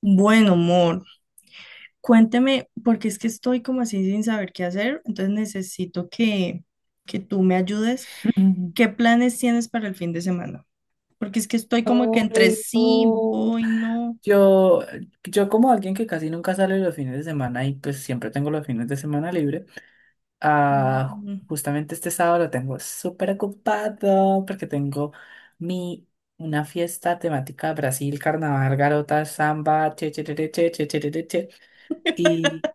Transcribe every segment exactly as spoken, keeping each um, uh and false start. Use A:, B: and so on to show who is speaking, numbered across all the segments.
A: Bueno, amor, cuénteme, porque es que estoy como así sin saber qué hacer, entonces necesito que, que tú me ayudes.
B: Ujú.
A: ¿Qué planes tienes para el fin de semana? Porque es que estoy como que entre
B: Ay,
A: sí,
B: no.
A: voy, no.
B: Yo, yo como alguien que casi nunca sale los fines de semana y pues siempre tengo los fines de semana libre, ah,
A: Mm.
B: justamente este sábado lo tengo súper ocupado porque tengo mi, una fiesta temática Brasil, carnaval, garota, samba, che, che, che, che, che, che, che, che, che, che, y...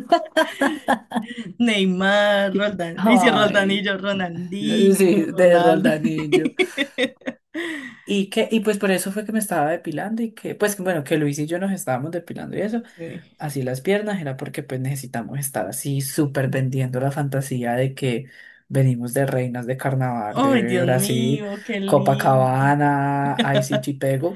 A: Neymar, Roldán, y si
B: Ay,
A: Roldanillo, Ronaldinho,
B: sí, de
A: Ronaldo.
B: Roldanillo. Y que, y pues por eso fue que me estaba depilando y que, pues bueno, que Luis y yo nos estábamos depilando y eso,
A: Sí.
B: así las piernas, era porque pues necesitamos estar así súper vendiendo la fantasía de que venimos de reinas de carnaval
A: Ay,
B: de
A: Dios
B: Brasil,
A: mío, qué lindo.
B: Copacabana, Pego.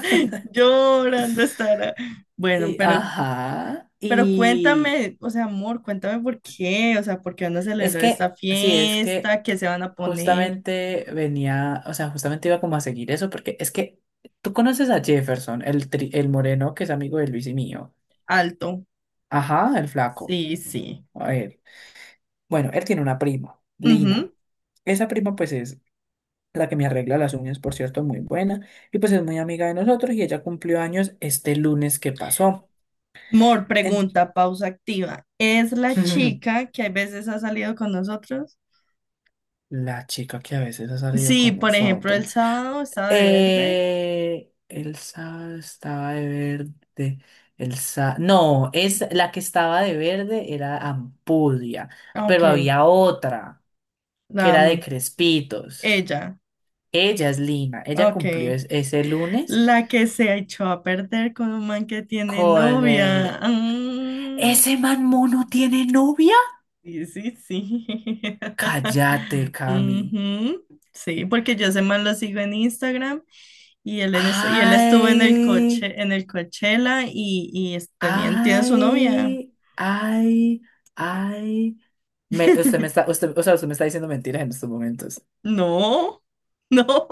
A: Llorando estará. Bueno,
B: Y,
A: pero
B: ajá,
A: Pero
B: y
A: cuéntame, o sea, amor, cuéntame por qué, o sea, por qué van a
B: es
A: celebrar esta
B: que, sí, es que
A: fiesta, qué se van a poner
B: justamente venía, o sea, justamente iba como a seguir eso, porque es que tú conoces a Jefferson, el, tri- el moreno que es amigo de Luis y mío.
A: alto.
B: Ajá, el flaco.
A: Sí, sí.
B: A ver. Bueno, él tiene una prima,
A: Ujú.
B: Lina. Esa prima pues es la que me arregla las uñas, por cierto, muy buena. Y pues es muy amiga de nosotros y ella cumplió años este lunes que pasó.
A: Mor,
B: En-
A: pregunta, pausa activa. ¿Es la chica que a veces ha salido con nosotros?
B: La chica que a veces ha salido
A: Sí,
B: con
A: por ejemplo,
B: nosotros.
A: el sábado estaba de verde.
B: Eh, Elsa estaba de verde. Elsa, no, es la que estaba de verde era Ampudia,
A: Ah, ok,
B: pero había otra que
A: la
B: era de
A: amo.
B: Crespitos.
A: Ella.
B: Ella es Lina.
A: Ah,
B: Ella cumplió
A: ok.
B: es- ese lunes
A: La que se echó a perder con un man que tiene
B: con
A: novia.
B: el...
A: Ah.
B: ¿Ese man mono tiene novia?
A: Sí, sí, sí.
B: Cállate, Cami.
A: Ujú. Sí, porque yo ese man lo sigo en Instagram y él, en es- y él estuvo en el
B: Ay,
A: coche, en el Coachella y, y es- tenían, tiene su novia.
B: ay, ay, ay. Me- usted me está, usted, o sea, usted me está diciendo mentiras en estos momentos.
A: No, no.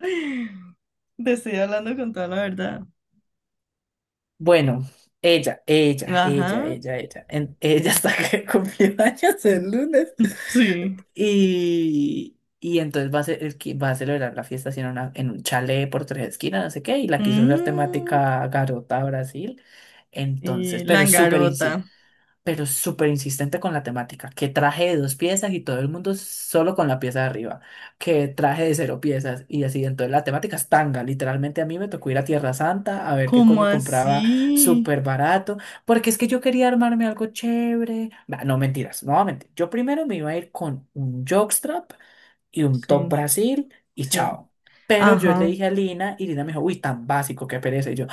A: Te estoy hablando con toda la verdad.
B: Bueno, ella, ella, ella,
A: Ajá,
B: ella, ella. en- ella está que cumplió años el lunes.
A: sí.
B: Y, y entonces va a, ser, el que va a celebrar la fiesta así en, una, en un chalet por tres esquinas, no sé qué, y la quiso hacer
A: Mm,
B: temática Garota Brasil. Entonces,
A: sí,
B: pero súper
A: Langarota.
B: pero súper insistente con la temática, que traje de dos piezas y todo el mundo solo con la pieza de arriba, que traje de cero piezas y así, entonces la temática es tanga, literalmente a mí me tocó ir a Tierra Santa a ver qué
A: ¿Cómo
B: coño compraba
A: así?
B: súper barato, porque es que yo quería armarme algo chévere. Bah, no mentiras, nuevamente, yo primero me iba a ir con un jockstrap y un top
A: Sí,
B: Brasil y
A: sí.
B: chao. Pero yo le
A: Ajá.
B: dije a Lina y Lina me dijo, uy, tan básico, qué pereza. Y yo,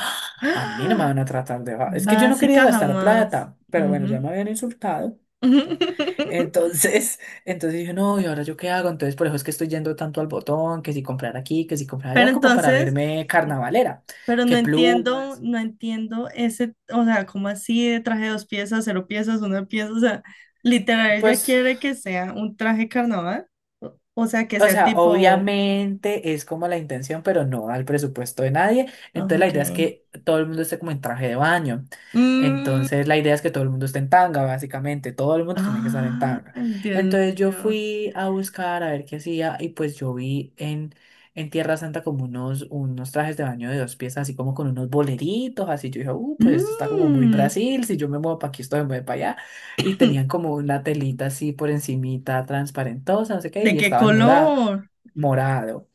B: a mí no me van a tratar de... va- Es que yo no quería
A: Básica
B: gastar
A: jamás.
B: plata, pero bueno,
A: Ujú.
B: ya me habían insultado. Entonces, entonces dije, no, ¿y ahora yo qué hago? Entonces, por eso es que estoy yendo tanto al botón, que si comprar aquí, que si comprar
A: Pero
B: allá, como para
A: entonces,
B: verme carnavalera.
A: pero no
B: Que
A: entiendo,
B: plumas,
A: no entiendo ese, o sea, ¿cómo así de traje de dos piezas, cero piezas, una pieza? O sea, literal, ella
B: pues...
A: quiere que sea un traje carnaval, o o sea, que
B: O
A: sea
B: sea,
A: tipo,
B: obviamente es como la intención, pero no al presupuesto de nadie.
A: ah,
B: Entonces la
A: ok.
B: idea es que todo el mundo esté como en traje de baño.
A: Mm,
B: Entonces la idea es que todo el mundo esté en tanga, básicamente. Todo el mundo tiene que estar en
A: ay,
B: tanga.
A: Dios
B: Entonces yo
A: mío.
B: fui a buscar a ver qué hacía y pues yo vi en, en Tierra Santa como unos, unos trajes de baño de dos piezas, así como con unos boleritos, así yo dije, uh, pues esto está como muy
A: Mm.
B: Brasil, si yo me muevo para aquí, esto me mueve para allá y tenían como una telita así por encimita, transparentosa, no sé qué,
A: ¿De
B: y
A: qué
B: estaban morado,
A: color?
B: morado,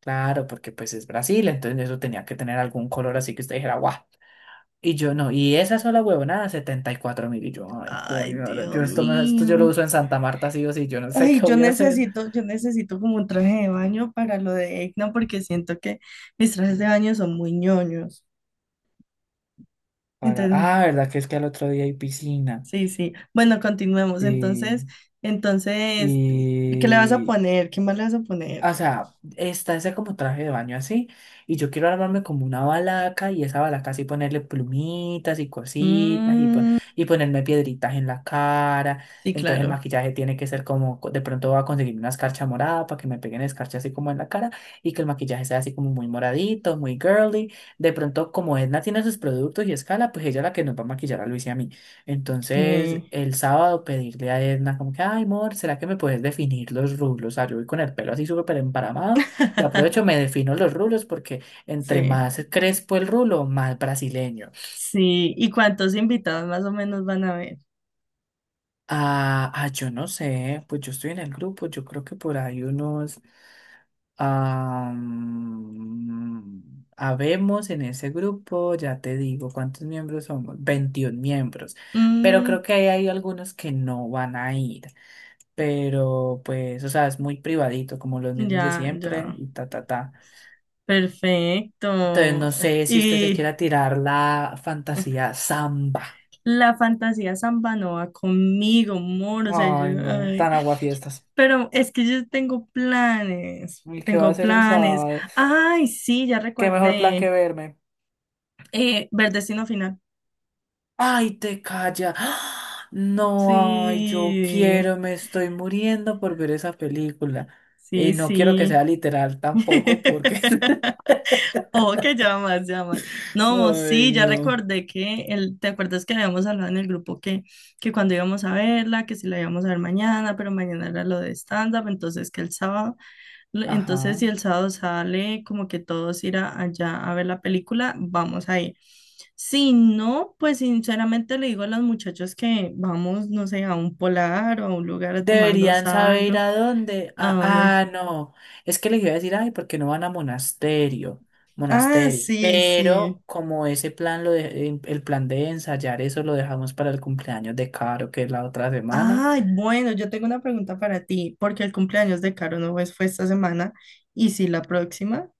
B: claro, porque pues es Brasil, entonces eso tenía que tener algún color así que usted dijera, guau. Y yo no, y esa sola huevonada, setenta y cuatro mil. Y yo, ay,
A: Ay,
B: coño, ahora
A: Dios
B: yo esto, me- esto yo lo
A: mío.
B: uso en Santa Marta, sí o sí, yo no sé
A: Ay,
B: qué
A: yo
B: voy a hacer.
A: necesito, yo necesito como un traje de baño para lo de E C N O porque siento que mis trajes de baño son muy ñoños.
B: Para...
A: Entonces,
B: Ah, ¿verdad? Que es que al otro día hay piscina.
A: sí, sí. Bueno, continuemos.
B: Sí.
A: Entonces, entonces, ¿qué le vas a
B: Y,
A: poner? ¿Qué más le vas a poner?
B: O sea, está ese como traje de baño así, y yo quiero armarme como una balaca y esa balaca así ponerle plumitas y cositas y, pon-
A: Mm,
B: y ponerme piedritas en la cara.
A: sí,
B: Entonces el
A: claro.
B: maquillaje tiene que ser como, co- de pronto voy a conseguir una escarcha morada para que me peguen escarcha así como en la cara y que el maquillaje sea así como muy moradito, muy girly. De pronto como Edna tiene sus productos y escala, pues ella es la que nos va a maquillar a Luis y a mí. Entonces,
A: Sí,
B: el sábado pedirle a Edna como que, ay, amor, ¿será que me puedes definir los rulos? O yo voy con el pelo así súper emparamado y aprovecho, me defino los rulos porque entre
A: sí.
B: más crespo el rulo, más brasileño.
A: Sí. ¿Y cuántos invitados más o menos van a haber?
B: Ah, ah, yo no sé, pues yo estoy en el grupo, yo creo que por ahí unos... ah, mm, habemos en ese grupo, ya te digo cuántos miembros somos, veintiún miembros, pero
A: Mm,
B: creo que ahí hay algunos que no van a ir. Pero pues, o sea, es muy privadito, como los mismos de
A: ya,
B: siempre,
A: ya.
B: y ta, ta, ta. Entonces,
A: Perfecto.
B: no sé si usted se
A: Y
B: quiera tirar la fantasía samba.
A: la fantasía samba no va conmigo, amor, o sea,
B: Ay,
A: yo,
B: no,
A: ay,
B: tan aguafiestas.
A: pero es que yo tengo planes,
B: ¿Y qué va a
A: tengo
B: hacer el
A: planes.
B: sábado?
A: Ay, sí, ya
B: ¿Qué mejor plan que
A: recordé,
B: verme?
A: eh, ver Destino Final.
B: Ay, te calla. ¡Ah! No, ay, yo
A: Sí,
B: quiero, me estoy muriendo por ver esa película.
A: sí,
B: Y no quiero que
A: sí.
B: sea literal tampoco, porque...
A: Oh, que llamas, llamas. No, mo,
B: Ay,
A: sí, ya
B: no.
A: recordé que el, ¿te acuerdas que habíamos hablado en el grupo que, que cuando íbamos a verla, que si la íbamos a ver mañana, pero mañana era lo de stand-up, entonces que el sábado. L-
B: Ajá.
A: Entonces, si el sábado sale como que todos ir a- allá a ver la película, vamos a ir. Si no, pues sinceramente le digo a los muchachos que vamos, no sé, a un polar o a un lugar a tomarnos
B: Deberían saber ir
A: algo.
B: a dónde.
A: ¿A
B: Ah,
A: dónde?
B: ah, no. Es que les iba a decir, ay, ¿por qué no van a monasterio?
A: Ah,
B: Monasterio.
A: sí, sí.
B: Pero como ese plan, lo de- em, el plan de ensayar eso lo dejamos para el cumpleaños de Caro, que es la otra semana,
A: Ay, bueno, yo tengo una pregunta para ti, porque el cumpleaños de Caro no es- fue esta semana y sí la próxima.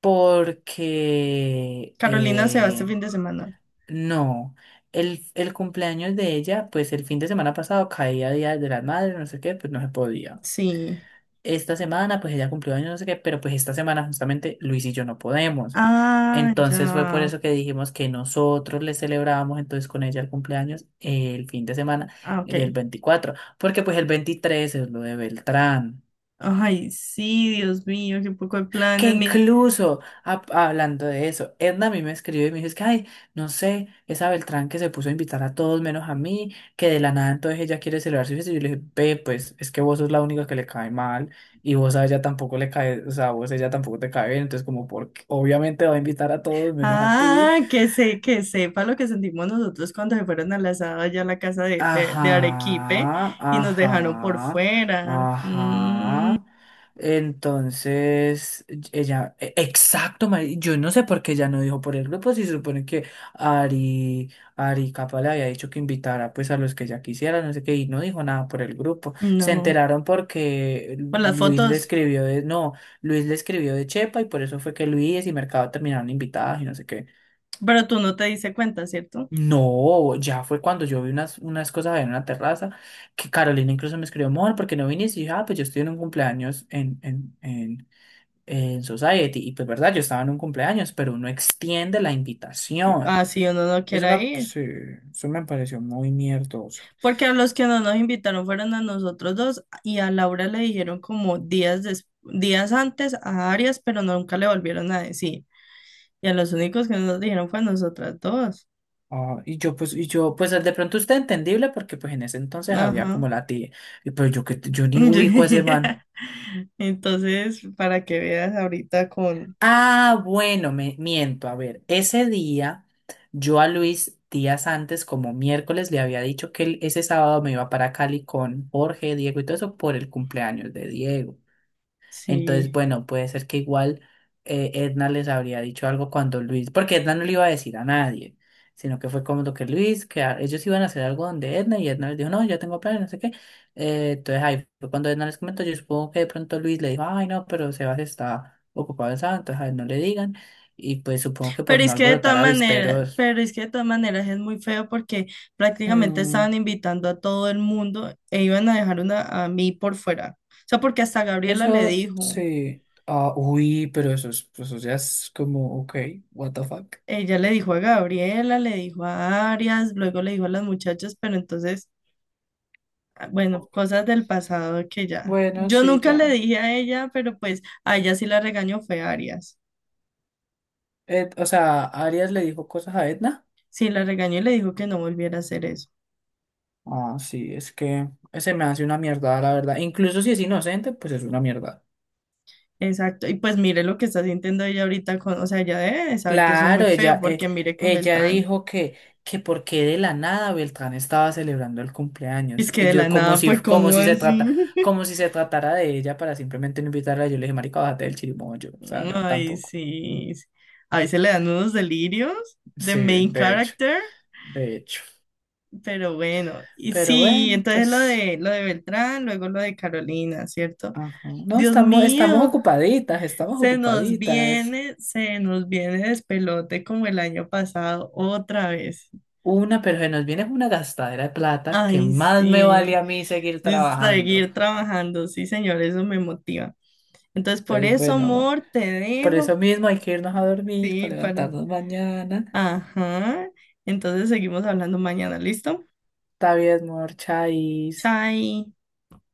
B: porque
A: Carolina se va este
B: eh,
A: fin de semana.
B: no. El, el cumpleaños de ella, pues el fin de semana pasado caía Día de las Madres, no sé qué, pues no se podía.
A: Sí.
B: Esta semana, pues ella cumplió años, no sé qué, pero pues esta semana justamente Luis y yo no podemos.
A: Ah,
B: Entonces fue por
A: ya.
B: eso que dijimos que nosotros le celebrábamos entonces con ella el cumpleaños el fin de semana
A: Ah,
B: del
A: ok.
B: veinticuatro porque pues el veintitrés es lo de Beltrán.
A: Ay, sí, Dios mío, qué poco de
B: Que
A: planes, mire.
B: incluso, ah, hablando de eso, Edna a mí me escribió y me dice es que, ay, no sé, esa Beltrán que se puso a invitar a todos menos a mí, que de la nada entonces ella quiere celebrar su fiesta. Y yo le dije, ve, pues, es que vos sos la única que le cae mal y vos a ella tampoco le cae, o sea, vos a ella tampoco te cae bien, entonces como, porque obviamente va a invitar a todos menos a ti.
A: Ah, que se, que sepa lo que sentimos nosotros cuando se fueron al asado allá a la casa de, de, de Arequipe
B: Ajá,
A: y nos dejaron por
B: ajá,
A: fuera. Mm,
B: ajá. Entonces, ella, e- exacto, mari- yo no sé por qué ella no dijo por el grupo, si se supone que Ari, Ari Capa le había dicho que invitara pues a los que ella quisiera, no sé qué, y no dijo nada por el grupo. Se
A: no,
B: enteraron porque
A: por las
B: Luis le
A: fotos,
B: escribió de, no, Luis le escribió de Chepa y por eso fue que Luis y Mercado terminaron invitados y no sé qué.
A: pero tú no te diste cuenta, ¿cierto?
B: No, ya fue cuando yo vi unas, unas cosas ahí en una terraza que Carolina incluso me escribió, amor, ¿por qué no viniste? Y dije, ah, pues yo estoy en un cumpleaños en, en, en, en Society. Y pues, verdad, yo estaba en un cumpleaños, pero uno extiende la
A: Que,
B: invitación.
A: ah, sí, uno no
B: Eso
A: quiere
B: me,
A: ir.
B: sí, eso me pareció muy mierdoso.
A: Porque a los que no nos invitaron fueron a nosotros dos y a Laura le dijeron como días, des- días antes a Arias, pero nunca le volvieron a decir. Y a los únicos que no nos dijeron fue a nosotras dos.
B: Ah, y yo, pues, y yo, pues de pronto usted entendible porque pues en ese entonces había como
A: Ajá.
B: la tía. Y pues yo que yo ni ubico a ese man.
A: Entonces, para que veas ahorita con...
B: Ah, bueno, me miento. A ver, ese día yo a Luis días antes, como miércoles, le había dicho que él- ese sábado me iba para Cali con Jorge, Diego y todo eso por el cumpleaños de Diego. Entonces,
A: Sí.
B: bueno, puede ser que igual eh, Edna les habría dicho algo cuando Luis, porque Edna no le iba a decir a nadie, sino que fue como lo que Luis, que a- ellos iban a hacer algo donde Edna y Edna les dijo, no, yo tengo planes, no sé qué. Eh, entonces ahí fue cuando Edna les comentó, yo supongo que de pronto Luis le dijo, ay, no, pero Sebas está ocupado en sábado, entonces a él no le digan. Y pues supongo que por
A: Pero
B: no
A: es que de
B: alborotar
A: todas maneras,
B: avisperos.
A: pero es que de todas maneras es muy feo porque prácticamente
B: Mm,
A: estaban invitando a todo el mundo e iban a dejar una, a mí por fuera. O sea, porque hasta Gabriela le
B: eso
A: dijo,
B: sí. Ah, uy, pero eso, es- pues eso ya es como, ok, what the fuck.
A: ella le dijo a Gabriela, le dijo a Arias, luego le dijo a las muchachas, pero entonces... ah, bueno, cosas del pasado que ya.
B: Bueno,
A: Yo
B: sí,
A: nunca le
B: ya.
A: dije a ella, pero pues a ella sí la regañó fue Arias.
B: Ed- o sea, Arias le dijo cosas a Edna.
A: Sí la regañó y le dijo que no volviera a hacer eso.
B: Ah, sí, es que se me hace una mierda, la verdad. Incluso si es inocente, pues es una mierda.
A: Exacto. Y pues mire lo que está sintiendo ella ahorita con, o sea, ella debe de saber que eso es muy
B: Claro,
A: feo
B: ella, eh,
A: porque mire con
B: ella
A: Beltrán.
B: dijo que, que porque de la nada Beltrán estaba celebrando el
A: Es
B: cumpleaños.
A: que
B: Y
A: de la
B: yo, como
A: nada,
B: si,
A: pues,
B: como
A: ¿cómo
B: si se trata,
A: así?
B: como si se tratara de ella para simplemente no invitarla, yo le dije, marica, bájate del chirimoyo. O sea, no,
A: Ay,
B: tampoco.
A: sí. Sí. A veces le dan unos delirios de
B: Sí,
A: main
B: de hecho,
A: character,
B: de hecho.
A: pero bueno. Y
B: Pero
A: sí,
B: bueno,
A: entonces lo
B: pues,
A: de lo de Beltrán, luego lo de Carolina, ¿cierto?
B: ajá. No,
A: Dios
B: estamos, estamos
A: mío.
B: ocupaditas, estamos
A: Se nos
B: ocupaditas.
A: viene, se nos viene despelote como el año pasado otra vez.
B: Una, pero se nos viene una gastadera de plata que
A: Ay,
B: más me vale
A: sí,
B: a mí seguir
A: de
B: trabajando.
A: seguir trabajando, sí, señor, eso me motiva. Entonces, por
B: Entonces,
A: eso,
B: bueno, amor,
A: amor, te
B: por
A: dejo.
B: eso mismo hay que irnos a dormir
A: Sí,
B: para
A: para...
B: levantarnos mañana.
A: Ajá. Entonces, seguimos hablando mañana, ¿listo?
B: Está bien, amor, chais.
A: Chai.